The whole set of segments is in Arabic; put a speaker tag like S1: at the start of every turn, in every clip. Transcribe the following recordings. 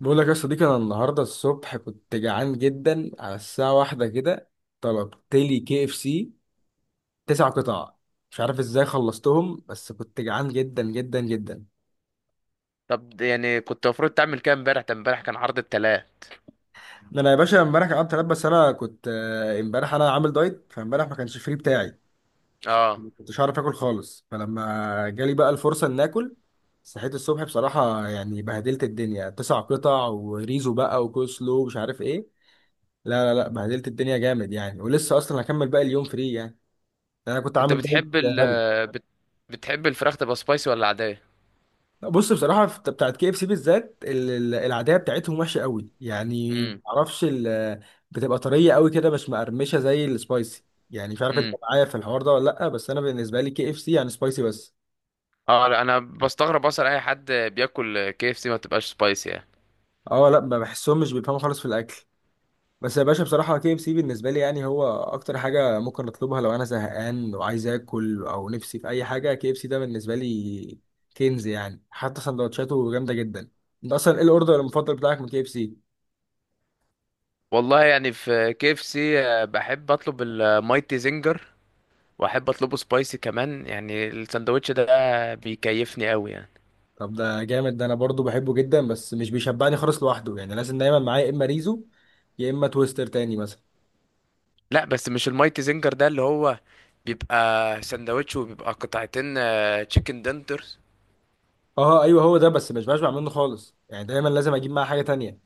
S1: بقول لك يا صديقي، انا النهارده الصبح كنت جعان جدا على الساعه واحدة كده. طلبت لي كي اف سي تسع قطع، مش عارف ازاي خلصتهم بس كنت جعان جدا جدا جدا.
S2: طب يعني كنت المفروض تعمل كده امبارح، ده امبارح كان عرض التلات.
S1: ده انا يا باشا امبارح قعدت انام، بس انا كنت امبارح انا عامل دايت، فامبارح ما كانش فري بتاعي،
S2: اه،
S1: ما كنتش عارف اكل خالص، فلما جالي بقى الفرصه ان اكل صحيت الصبح بصراحه يعني بهدلت الدنيا، تسع قطع وريزو بقى وكوسلو ومش عارف ايه. لا لا لا، بهدلت الدنيا جامد يعني، ولسه اصلا هكمل باقي اليوم فري يعني، يعني انا كنت
S2: انت
S1: عامل دايت
S2: بتحب
S1: غبي.
S2: بت... بتحب الفراخ تبقى سبايسي ولا عادية؟
S1: بص بصراحه بتاعت كي اف سي بالذات العاديه بتاعتهم وحشه قوي يعني،
S2: امم.
S1: معرفش بتبقى طريه قوي كده مش مقرمشه زي السبايسي. يعني مش عارف انت
S2: امم.
S1: معايا في الحوار ده ولا لا، بس انا بالنسبه لي كي اف سي يعني سبايسي بس.
S2: اه، لا، انا بستغرب اصلا اي حد بياكل كي اف سي ما بتبقاش سبايسي يعني.
S1: اه لا، ما بحسهم مش بيفهموا خالص في الاكل. بس يا باشا بصراحه كي اف سي بالنسبه لي يعني هو اكتر حاجه ممكن اطلبها لو انا زهقان وعايز اكل او نفسي في اي حاجه، كي اف سي ده بالنسبه لي كنز يعني، حتى سندوتشاته جامده جدا. انت اصلا ايه الاوردر المفضل بتاعك من كي اف سي؟
S2: والله يعني في كي اف سي بحب اطلب المايتي زنجر، واحب اطلبه سبايسي كمان، يعني الساندوتش ده بيكيفني قوي يعني.
S1: طب ده جامد، ده انا برضو بحبه جدا بس مش بيشبعني خالص لوحده يعني، لازم دايما معايا يا اما ريزو يا اما تويستر تاني مثلا.
S2: لا بس مش المايتي زنجر ده اللي هو بيبقى ساندوتش، وبيبقى قطعتين تشيكن دنترز.
S1: اه ايوه هو ده، بس مش بشبع منه خالص يعني، دايما لازم اجيب معاه حاجه تانية.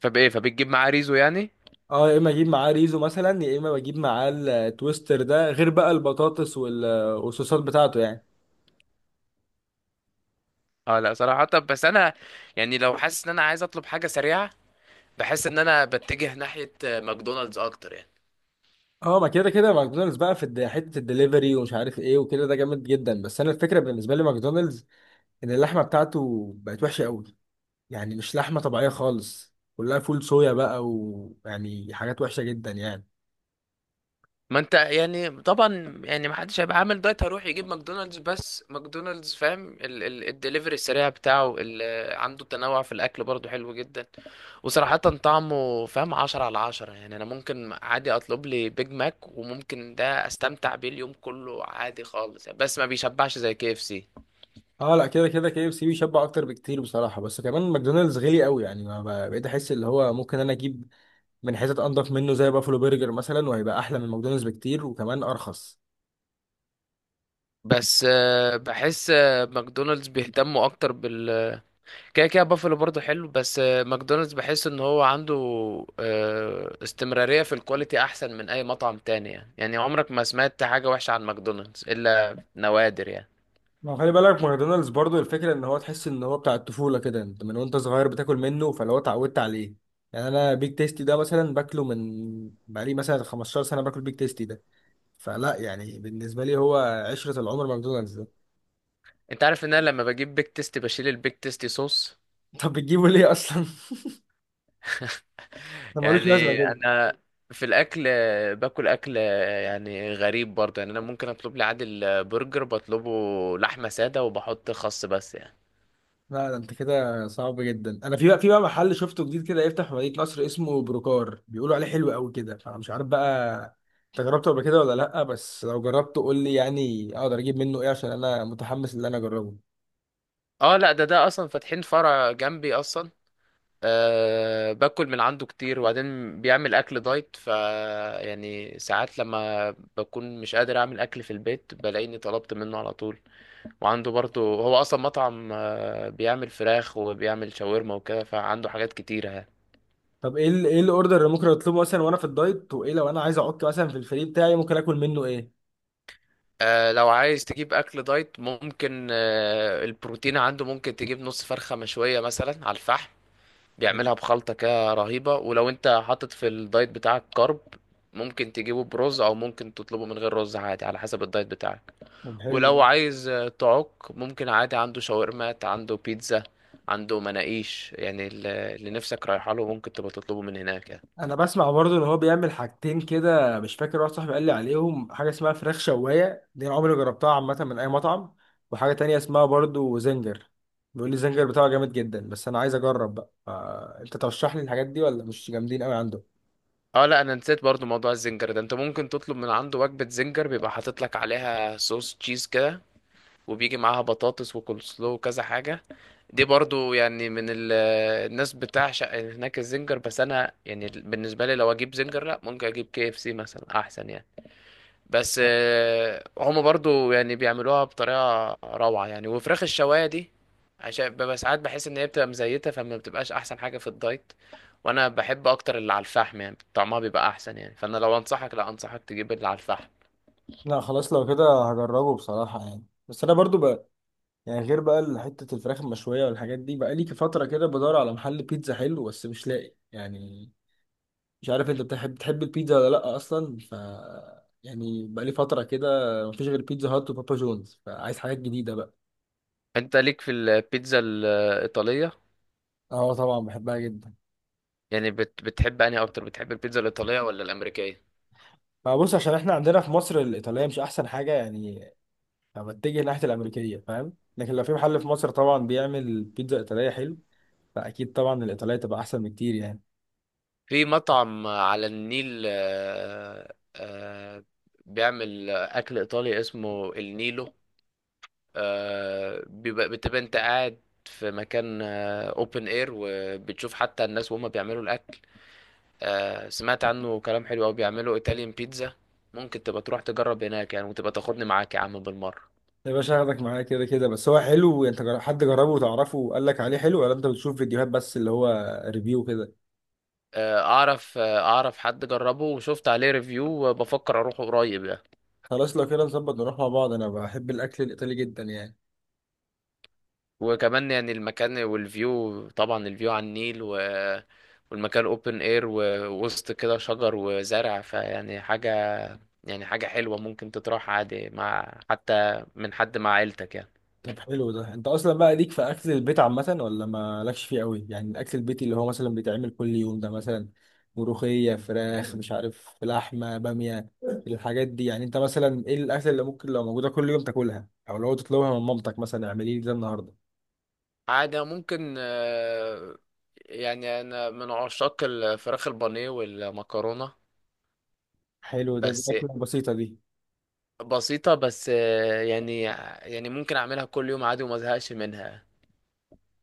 S2: فبايه، فبتجيب معاه ريزو يعني؟
S1: اه، يا اما اجيب معاه ريزو مثلا يا اما بجيب معاه التويستر، ده غير بقى البطاطس والصوصات بتاعته يعني.
S2: اه لا صراحة، بس انا يعني لو حاسس ان انا عايز اطلب حاجة سريعة بحس ان انا بتجه ناحية ماكدونالدز اكتر يعني.
S1: اه، ما كده كده ماكدونالدز بقى في حته الدليفري ومش عارف ايه وكده، ده جامد جدا، بس انا الفكره بالنسبه لي ماكدونالدز ان اللحمه بتاعته بقت وحشه قوي، يعني مش لحمة طبيعية خالص، كلها فول صويا بقى ويعني حاجات وحشة جدا يعني.
S2: ما انت يعني طبعا يعني ما حدش هيبقى عامل دايت هيروح يجيب ماكدونالدز. بس ماكدونالدز فاهم، الدليفري السريع بتاعه عنده تنوع في الاكل برضه حلو جدا. وصراحة طعمه فاهم عشرة على عشرة يعني، أنا ممكن عادي أطلب لي بيج ماك وممكن ده أستمتع بيه اليوم كله عادي خالص يعني. بس ما بيشبعش زي كي اف سي.
S1: اه لا، كده كده كي اف سي بيشبع اكتر بكتير بصراحة، بس كمان ماكدونالدز غالي قوي يعني، ما بقى- بقيت احس اللي هو ممكن انا اجيب من حتت انضف منه زي بافلو برجر مثلا، وهيبقى احلى من ماكدونالدز بكتير وكمان ارخص.
S2: بس بحس ماكدونالدز بيهتموا اكتر بال، كده كده بافلو برضه حلو. بس ماكدونالدز بحس ان هو عنده استمرارية في الكواليتي احسن من اي مطعم تاني يعني، يعني عمرك ما سمعت حاجة وحشة عن ماكدونالدز الا نوادر يعني.
S1: ما هو خلي بالك ماكدونالدز برضو الفكرة ان هو تحس ان هو بتاع الطفولة كده، انت من وانت صغير بتاكل منه فلو اتعودت عليه. يعني انا بيك تيستي ده مثلا باكله من بقالي مثلا 15 سنة باكل بيك تيستي ده، فلا يعني بالنسبة لي هو عشرة العمر ماكدونالدز ده.
S2: انت عارف ان انا لما بجيب بيك تيستي بشيل البيك تيستي صوص؟
S1: طب بتجيبه ليه أصلا؟ ده ملوش لازمة
S2: يعني
S1: كده.
S2: انا في الاكل باكل اكل يعني غريب برضه، يعني انا ممكن اطلب لي عادل برجر، بطلبه لحمة سادة وبحط خس بس يعني.
S1: لا ده انت كده صعب جدا، انا في بقى محل شفته جديد كده يفتح في مدينة نصر اسمه بروكار، بيقولوا عليه حلو قوي كده، فانا مش عارف بقى انت جربته قبل كده ولا لا، بس لو جربته قول لي يعني اقدر اجيب منه ايه، عشان انا متحمس ان انا اجربه.
S2: اه لا، ده اصلا فاتحين فرع جنبي اصلا. أه، باكل من عنده كتير، وبعدين بيعمل اكل دايت، ف يعني ساعات لما بكون مش قادر اعمل اكل في البيت بلاقيني طلبت منه على طول. وعنده برضه هو اصلا مطعم بيعمل فراخ وبيعمل شاورما وكده، فعنده حاجات كتيرة يعني.
S1: طب ايه ايه الاوردر اللي ممكن اطلبه مثلا وانا في الدايت، وايه لو انا عايز اعك مثلا في الفري بتاعي ممكن اكل منه ايه؟
S2: أه لو عايز تجيب اكل دايت ممكن أه البروتين عنده، ممكن تجيب نص فرخة مشوية مثلا على الفحم،
S1: طيب،
S2: بيعملها بخلطة كده رهيبة. ولو انت حاطط في الدايت بتاعك كارب ممكن تجيبه برز، او ممكن تطلبه من غير رز عادي على حسب الدايت بتاعك.
S1: طب
S2: ولو
S1: حلو.
S2: عايز تعك ممكن عادي عنده شاورمات، عنده بيتزا، عنده مناقيش، يعني اللي نفسك رايحه له ممكن تبقى تطلبه من هناك يعني.
S1: انا بسمع برضو ان هو بيعمل حاجتين كده، مش فاكر، واحد صاحبي قال لي عليهم، حاجه اسمها فراخ شوايه دي انا عمري ما جربتها عامه من اي مطعم، وحاجه تانية اسمها برضو زنجر، بيقول لي الزنجر بتاعه جامد جدا، بس انا عايز اجرب بقى، فانت ترشح لي الحاجات دي ولا مش جامدين قوي عنده؟
S2: اه لا، انا نسيت برضو موضوع الزنجر ده. انت ممكن تطلب من عنده وجبة زنجر، بيبقى حاطط لك عليها صوص تشيز كده، وبيجي معاها بطاطس وكول سلو وكذا حاجة. دي برضو يعني من الناس بتعشق هناك الزنجر. بس انا يعني بالنسبة لي لو اجيب زنجر، لا ممكن اجيب كي اف سي مثلا احسن يعني. بس
S1: لا
S2: هم برضو يعني بيعملوها بطريقة روعة يعني. وفراخ الشواية دي عشان ببقى ساعات بحس ان هي بتبقى مزيتة، فما بتبقاش احسن حاجة في الدايت. وانا بحب اكتر اللي على الفحم يعني، طعمها بيبقى احسن يعني، فانا لو انصحك لا انصحك تجيب اللي على الفحم.
S1: لا، خلاص لو كده هجربه بصراحه يعني. بس انا برضو بقى يعني، غير بقى حته الفراخ المشويه والحاجات دي، بقى لي فتره كده بدور على محل بيتزا حلو بس مش لاقي يعني. مش عارف انت بتحب البيتزا ولا لا اصلا، ف يعني بقالي فتره كده مفيش غير بيتزا هات وبابا جونز، فعايز حاجات جديده بقى.
S2: انت ليك في البيتزا الايطالية؟
S1: اه طبعا بحبها جدا.
S2: يعني بتحب انهي اكتر، بتحب البيتزا الايطاليه ولا الامريكيه؟
S1: فبص، عشان احنا عندنا في مصر الايطاليه مش احسن حاجه يعني، فبتجه ناحيه الامريكيه فاهم، لكن لو في محل في مصر طبعا بيعمل بيتزا ايطاليه حلو فاكيد طبعا الايطاليه تبقى احسن بكتير يعني.
S2: في مطعم على النيل بيعمل اكل ايطالي اسمه النيلو. بيبقى بتبقى انت قاعد في مكان اوبن اير وبتشوف حتى الناس وهم بيعملوا الاكل. سمعت عنه كلام حلو قوي، بيعملوا ايطاليان بيتزا. ممكن تبقى تروح تجرب هناك يعني، وتبقى تاخدني معاك يا عم بالمره.
S1: يا باشا هاخدك معايا كده كده، بس هو حلو، انت حد جربه وتعرفه وقال لك عليه حلو، ولا انت بتشوف فيديوهات بس اللي هو ريفيو كده؟
S2: اعرف اعرف حد جربه وشفت عليه ريفيو وبفكر اروح قريب يعني.
S1: خلاص لو كده نظبط نروح مع بعض، انا بحب الاكل الايطالي جدا يعني.
S2: وكمان يعني المكان والفيو، طبعا الفيو على النيل والمكان اوبن اير ووسط كده شجر وزرع، فيعني حاجة، يعني حاجة حلوة ممكن تتراح عادي مع حتى من حد مع عيلتك يعني.
S1: طب حلو، ده انت اصلا بقى ليك في اكل البيت عامه ولا ما لكش فيه قوي؟ يعني الاكل البيتي اللي هو مثلا بيتعمل كل يوم ده، مثلا ملوخيه، فراخ، مش عارف، لحمه، باميه، الحاجات دي يعني. انت مثلا ايه الاكل اللي ممكن لو موجوده كل يوم تاكلها او لو تطلبها من مامتك مثلا اعملي لي ده النهارده؟
S2: عادة ممكن يعني أنا من عشاق الفراخ البانيه والمكرونة.
S1: حلو ده، دي
S2: بس
S1: اكله بسيطه دي.
S2: بسيطة بس يعني يعني ممكن أعملها كل يوم عادي وما أزهقش منها.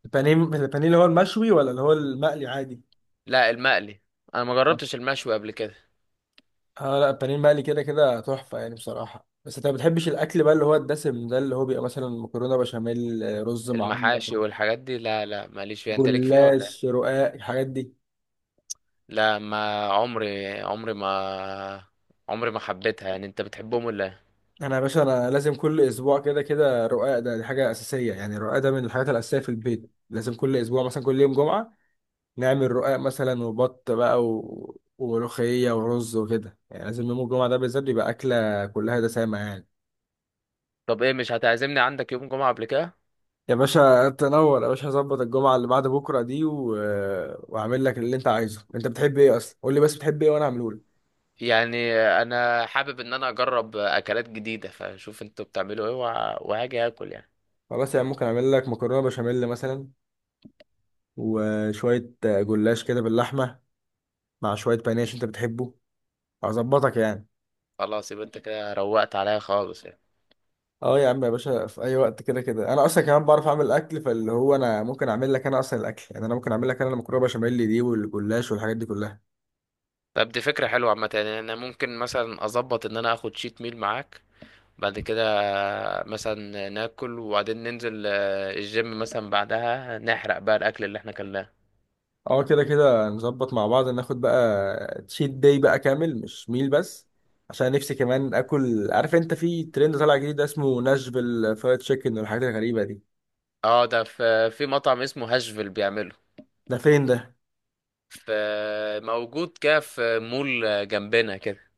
S1: البانيه، البانيه اللي هو المشوي ولا اللي هو المقلي عادي؟
S2: لا المقلي، أنا ما جربتش المشوي قبل كده.
S1: اه لا البانيه المقلي كده كده تحفه يعني بصراحه، بس انت ما بتحبش الاكل بقى اللي هو الدسم ده، اللي هو بيبقى مثلا مكرونه بشاميل، رز معمر،
S2: المحاشي والحاجات دي لا، لا ماليش فيها، انت ليك فيها ولا ايه؟
S1: جلاش، رقاق، الحاجات دي.
S2: لا ما عمري، عمري ما، عمري ما حبيتها يعني. انت بتحبهم ولا ايه؟
S1: انا يا باشا انا لازم كل اسبوع كده كده رقاق، ده دي حاجه اساسيه يعني، الرقاق ده من الحاجات الاساسيه في البيت، لازم كل اسبوع مثلا كل يوم جمعه نعمل رقاق مثلا وبط بقى وملوخيه ورز وكده يعني، لازم يوم الجمعه ده بالذات يبقى اكله كلها دسامه يعني.
S2: طب ايه مش هتعزمني عندك يوم جمعة قبل كده؟
S1: يا باشا تنور يا باشا، هظبط الجمعه اللي بعد بكره دي واعمل لك اللي انت عايزه، انت بتحب ايه اصلا قول لي، بس بتحب ايه وانا اعمله لك.
S2: يعني انا حابب ان انا اجرب اكلات جديدة، فشوف انتوا بتعملوا ايه وهاجي اكل يعني.
S1: خلاص يعني ممكن اعمل لك مكرونه بشاميل مثلا، وشويه جلاش كده باللحمه، مع شوية بانيه عشان انت بتحبه، هظبطك يعني.
S2: خلاص، يبقى انت كده روقت عليا خالص يعني.
S1: اه يا عم يا باشا في اي وقت كده كده انا اصلا كمان بعرف اعمل الاكل، فاللي هو انا ممكن اعمل لك انا اصلا الاكل يعني، انا ممكن اعمل لك انا المكرونه بشاميل دي والجلاش والحاجات دي كلها.
S2: طب دي فكرة حلوة عامة، يعني انا ممكن مثلا اظبط ان انا اخد شيت ميل معاك بعد كده، مثلا ناكل وبعدين ننزل الجيم مثلا، بعدها نحرق بقى الاكل اللي احنا كلناه.
S1: اه كده كده نظبط مع بعض ناخد بقى تشيت داي بقى كامل مش ميل بس، عشان نفسي كمان اكل. عارف انت في ترند طالع جديد اسمه ناشفيل فرايد تشيكن والحاجات الغريبه دي؟
S2: اه ده في في مطعم اسمه هاشفيل بيعمله.
S1: ده فين ده؟
S2: في موجود كده في مول جنبنا كده.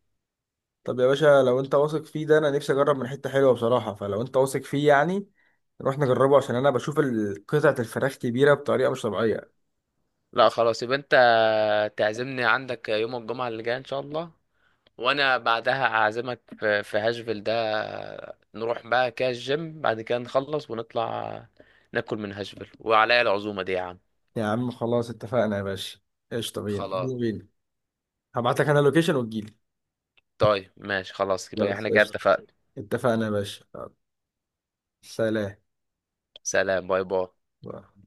S1: طب يا باشا لو انت واثق فيه ده، انا نفسي اجرب من حتة حلوة بصراحة، فلو انت واثق فيه يعني نروح نجربه، عشان انا بشوف قطعة الفراخ كبيرة بطريقة مش طبيعية.
S2: لا خلاص يبقى انت تعزمني عندك يوم الجمعة اللي جاية ان شاء الله، وانا بعدها اعزمك في هاشفيل ده، نروح بقى كده الجيم بعد كده نخلص ونطلع ناكل من هاشفيل، وعليا العزومة دي يا عم.
S1: يا عم خلاص اتفقنا يا باشا، قشطة، بينا
S2: خلاص.
S1: بينا بينا. هبعت لك انا اللوكيشن وتجيلي.
S2: طيب ماشي، خلاص كده
S1: خلاص
S2: احنا كده
S1: قشطة،
S2: اتفقنا.
S1: اتفقنا يا باشا. يلا،
S2: سلام، باي باي.
S1: سلام.